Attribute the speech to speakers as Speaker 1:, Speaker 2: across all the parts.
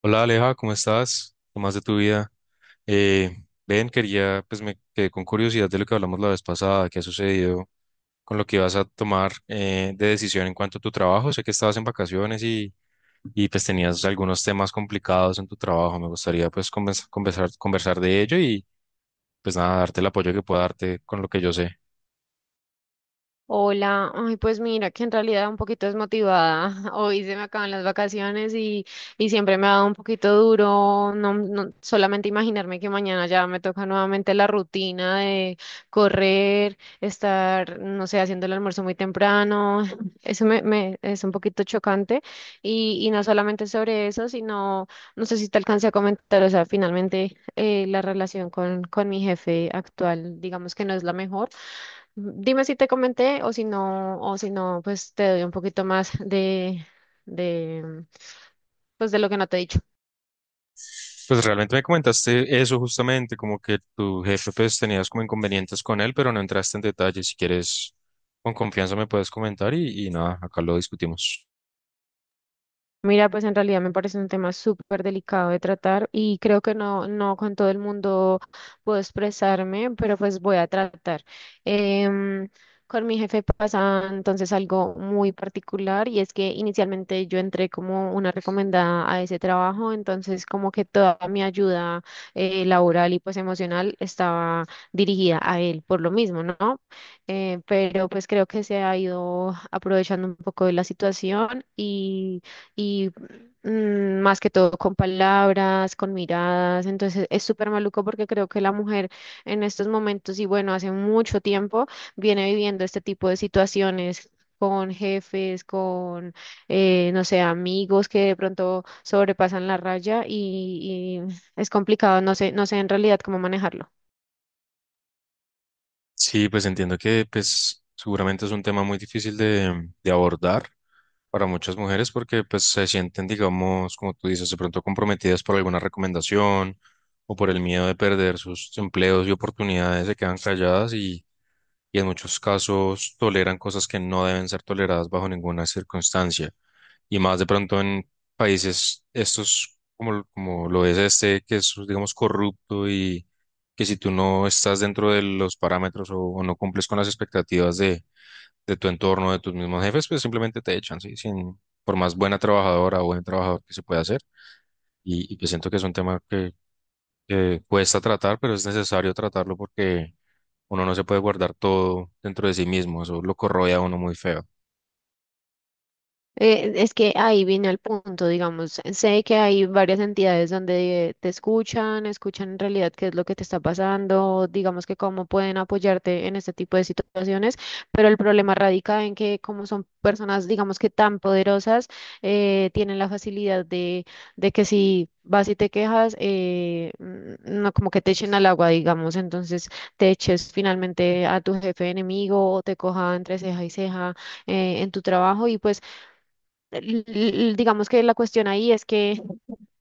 Speaker 1: Hola Aleja, ¿cómo estás? ¿Qué más de tu vida? Quería, pues me quedé con curiosidad de lo que hablamos la vez pasada, qué ha sucedido con lo que vas a tomar de decisión en cuanto a tu trabajo. Sé que estabas en vacaciones y pues tenías algunos temas complicados en tu trabajo. Me gustaría pues conversar de ello y pues nada, darte el apoyo que pueda darte con lo que yo sé.
Speaker 2: Hola, ay, pues mira que en realidad un poquito desmotivada. Hoy se me acaban las vacaciones y siempre me ha dado un poquito duro. No, solamente imaginarme que mañana ya me toca nuevamente la rutina de correr, estar, no sé, haciendo el almuerzo muy temprano. Eso me es un poquito chocante. Y no solamente sobre eso, sino, no sé si te alcancé a comentar, o sea, finalmente la relación con mi jefe actual, digamos que no es la mejor. Dime si te comenté o si no, pues te doy un poquito más de, pues de lo que no te he dicho.
Speaker 1: Pues realmente me comentaste eso justamente, como que tu jefe pues tenías como inconvenientes con él, pero no entraste en detalle. Si quieres, con confianza me puedes comentar y nada, acá lo discutimos.
Speaker 2: Mira, pues en realidad me parece un tema súper delicado de tratar y creo que no, no con todo el mundo puedo expresarme, pero pues voy a tratar. Em, con mi jefe pasa entonces algo muy particular y es que inicialmente yo entré como una recomendada a ese trabajo, entonces como que toda mi ayuda laboral y pues emocional estaba dirigida a él por lo mismo, ¿no? Pero pues creo que se ha ido aprovechando un poco de la situación y más que todo con palabras, con miradas. Entonces es súper maluco porque creo que la mujer en estos momentos y bueno, hace mucho tiempo viene viviendo este tipo de situaciones, con jefes, con, no sé, amigos que de pronto sobrepasan la raya y es complicado, no sé, no sé en realidad cómo manejarlo.
Speaker 1: Sí, pues entiendo que pues seguramente es un tema muy difícil de abordar para muchas mujeres porque pues se sienten, digamos, como tú dices, de pronto comprometidas por alguna recomendación o por el miedo de perder sus empleos y oportunidades, se quedan calladas y en muchos casos toleran cosas que no deben ser toleradas bajo ninguna circunstancia. Y más de pronto en países estos, como lo es este, que es, digamos, corrupto y que si tú no estás dentro de los parámetros o no cumples con las expectativas de tu entorno, de tus mismos jefes, pues simplemente te echan, ¿sí? Sin, por más buena trabajadora o buen trabajador que se pueda hacer. Y pues siento que es un tema que cuesta tratar, pero es necesario tratarlo porque uno no se puede guardar todo dentro de sí mismo, eso lo corroe a uno muy feo.
Speaker 2: Es que ahí viene el punto, digamos, sé que hay varias entidades donde te escuchan, escuchan en realidad qué es lo que te está pasando, digamos que cómo pueden apoyarte en este tipo de situaciones, pero el problema radica en que como son personas, digamos que tan poderosas, tienen la facilidad de que si vas y te quejas, no como que te echen al agua, digamos, entonces te eches finalmente a tu jefe enemigo o te coja entre ceja y ceja en tu trabajo y pues digamos que la cuestión ahí es que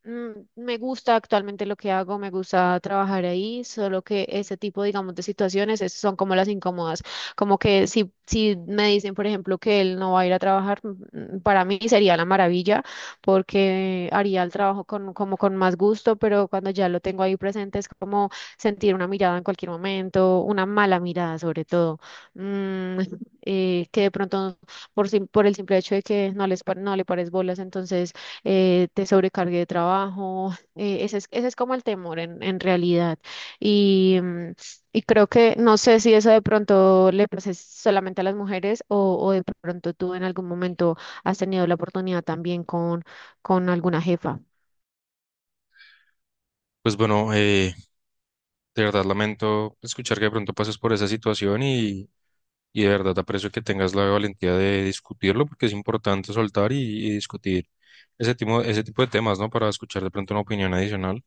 Speaker 2: mm, me gusta actualmente lo que hago, me gusta trabajar ahí, solo que ese tipo, digamos, de situaciones son como las incómodas. Como que si, si me dicen, por ejemplo, que él no va a ir a trabajar, mm, mm, para mí sería la maravilla, porque haría el trabajo con, como con más gusto, pero cuando ya lo tengo ahí presente es como sentir una mirada en cualquier momento, una mala mirada sobre todo, mm, que de pronto por el simple hecho de que no les, no le pares bolas, entonces te sobrecargue de trabajo. Ese es, ese es como el temor en realidad. Y y creo que no sé si eso de pronto le pasa solamente a las mujeres o de pronto tú en algún momento has tenido la oportunidad también con alguna jefa.
Speaker 1: Pues bueno, de verdad lamento escuchar que de pronto pases por esa situación y de verdad aprecio que tengas la valentía de discutirlo porque es importante soltar y discutir ese tipo de temas, ¿no? Para escuchar de pronto una opinión adicional.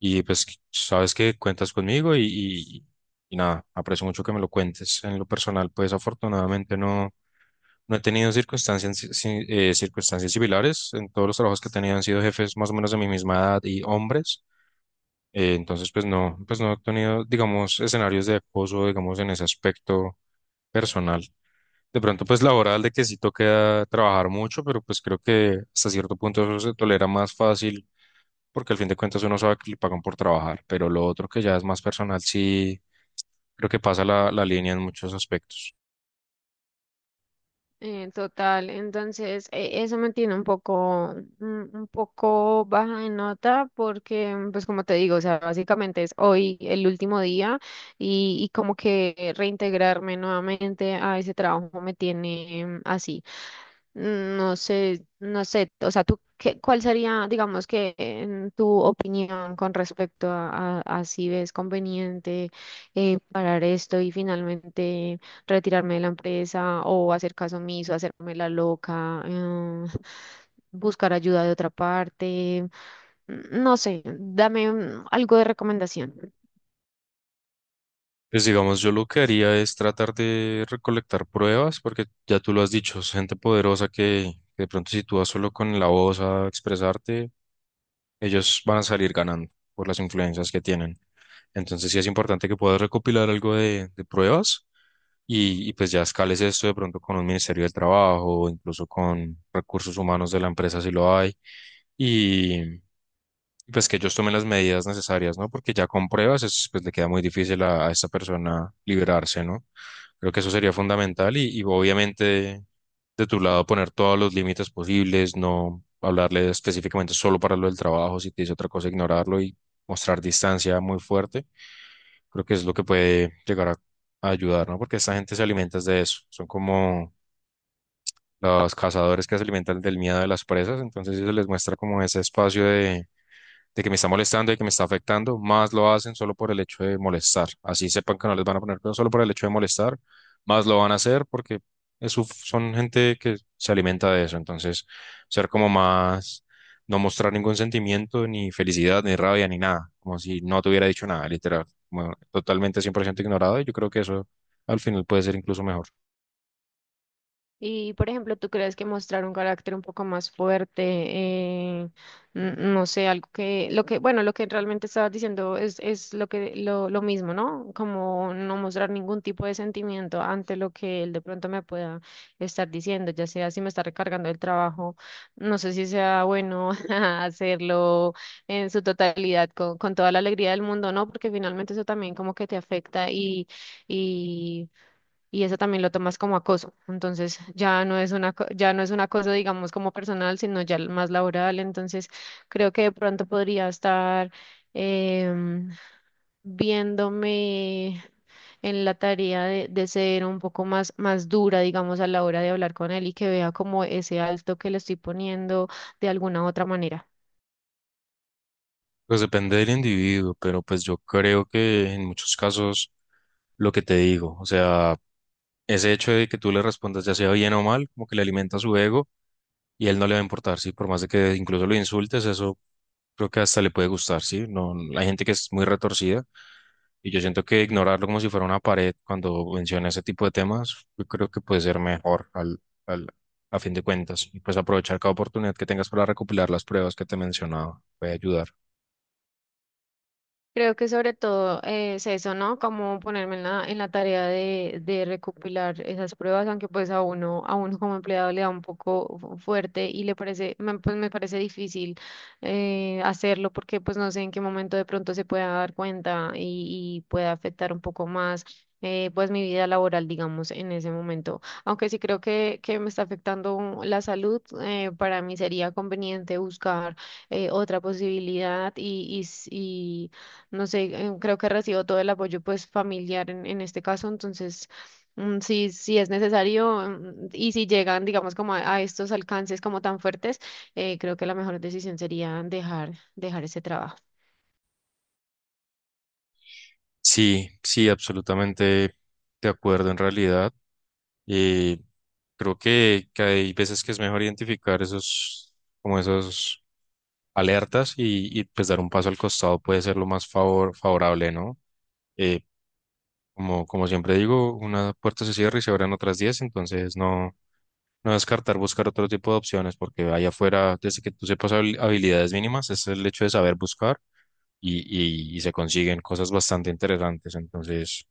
Speaker 1: Y pues sabes que cuentas conmigo y nada, aprecio mucho que me lo cuentes. En lo personal, pues afortunadamente no. No he tenido circunstancias, si- si, circunstancias similares. En todos los trabajos que he tenido han sido jefes más o menos de mi misma edad y hombres. Entonces, pues no he tenido, digamos, escenarios de acoso, digamos, en ese aspecto personal. De pronto, pues laboral, de que sí toca trabajar mucho, pero pues creo que hasta cierto punto eso se tolera más fácil, porque al fin de cuentas uno sabe que le pagan por trabajar. Pero lo otro que ya es más personal, sí, creo que pasa la línea en muchos aspectos.
Speaker 2: Total, entonces eso me tiene un poco, un poco baja de nota porque, pues como te digo, o sea, básicamente es hoy el último día y como que reintegrarme nuevamente a ese trabajo me tiene así. No sé, no sé, o sea, tú, qué, ¿cuál sería, digamos que, en tu opinión con respecto a, a si ves conveniente parar esto y finalmente retirarme de la empresa o hacer caso omiso, hacerme la loca, buscar ayuda de otra parte? No sé, dame algo de recomendación.
Speaker 1: Pues digamos, yo lo que haría es tratar de recolectar pruebas, porque ya tú lo has dicho, es gente poderosa que de pronto si tú vas solo con la voz a expresarte, ellos van a salir ganando por las influencias que tienen. Entonces sí es importante que puedas recopilar algo de pruebas y pues ya escales esto de pronto con un Ministerio del Trabajo, incluso con recursos humanos de la empresa si lo hay y pues que ellos tomen las medidas necesarias, ¿no? Porque ya con pruebas es, pues le queda muy difícil a esta persona liberarse, ¿no? Creo que eso sería fundamental y obviamente de tu lado poner todos los límites posibles, no hablarle específicamente solo para lo del trabajo, si te dice otra cosa, ignorarlo y mostrar distancia muy fuerte. Creo que es lo que puede llegar a ayudar, ¿no? Porque esta gente se alimenta de eso. Son como los cazadores que se alimentan del miedo de las presas, entonces si se les muestra como ese espacio de que me está molestando y que me está afectando, más lo hacen solo por el hecho de molestar. Así sepan que no les van a poner cuidado solo por el hecho de molestar, más lo van a hacer porque son gente que se alimenta de eso. Entonces, ser como más, no mostrar ningún sentimiento, ni felicidad, ni rabia, ni nada, como si no te hubiera dicho nada, literal, como totalmente 100% ignorado. Y yo creo que eso al final puede ser incluso mejor.
Speaker 2: Y, por ejemplo, ¿tú crees que mostrar un carácter un poco más fuerte, no sé, algo que, lo que, bueno, lo que realmente estabas diciendo es lo que, lo mismo, ¿no? Como no mostrar ningún tipo de sentimiento ante lo que él de pronto me pueda estar diciendo, ya sea si me está recargando el trabajo, no sé si sea bueno hacerlo en su totalidad con toda la alegría del mundo, ¿no? Porque finalmente eso también como que te afecta y y eso también lo tomas como acoso. Entonces ya no es una, ya no es un acoso, digamos, como personal, sino ya más laboral. Entonces creo que de pronto podría estar em, viéndome en la tarea de ser un poco más, más dura, digamos, a la hora de hablar con él y que vea como ese alto que le estoy poniendo de alguna otra manera.
Speaker 1: Pues depende del individuo, pero pues yo creo que en muchos casos lo que te digo, o sea... ese hecho de que tú le respondas ya sea bien o mal, como que le alimenta su ego y él no le va a importar, ¿sí? Por más de que incluso lo insultes, eso creo que hasta le puede gustar, ¿sí? No, hay gente que es muy retorcida y yo siento que ignorarlo como si fuera una pared cuando menciona ese tipo de temas, yo creo que puede ser mejor al, a fin de cuentas y pues aprovechar cada oportunidad que tengas para recopilar las pruebas que te mencionaba, puede ayudar.
Speaker 2: Creo que sobre todo es eso, ¿no? Como ponerme en la tarea de recopilar esas pruebas, aunque pues a uno como empleado le da un poco fuerte y le parece, me, pues me parece difícil hacerlo porque pues no sé en qué momento de pronto se pueda dar cuenta y pueda afectar un poco más pues mi vida laboral, digamos, en ese momento. Aunque sí creo que me está afectando la salud, para mí sería conveniente buscar otra posibilidad y no sé, creo que recibo todo el apoyo pues familiar en este caso, entonces sí, sí es necesario y si llegan, digamos, como a estos alcances como tan fuertes, creo que la mejor decisión sería dejar, dejar ese trabajo.
Speaker 1: Sí, sí, absolutamente de acuerdo en realidad. Creo que hay veces que es mejor identificar esos, como esos alertas pues dar un paso al costado puede ser lo más favorable, ¿no? Eh, como siempre digo, una puerta se cierra y se abren otras 10 entonces no, no descartar buscar otro tipo de opciones porque allá afuera, desde que tú sepas habilidades mínimas, es el hecho de saber buscar y, y se consiguen cosas bastante interesantes. Entonces,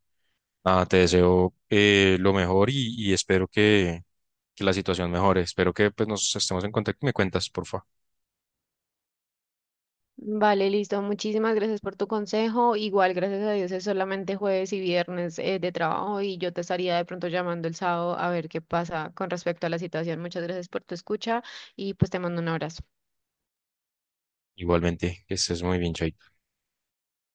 Speaker 1: nada, te deseo lo mejor y espero que la situación mejore. Espero que pues, nos estemos en contacto y me cuentas, porfa.
Speaker 2: Vale, listo. Muchísimas gracias por tu consejo. Igual, gracias a Dios, es solamente jueves y viernes de trabajo y yo te estaría de pronto llamando el sábado a ver qué pasa con respecto a la situación. Muchas gracias por tu escucha y pues te mando un abrazo.
Speaker 1: Igualmente, que estés muy bien, Chaito.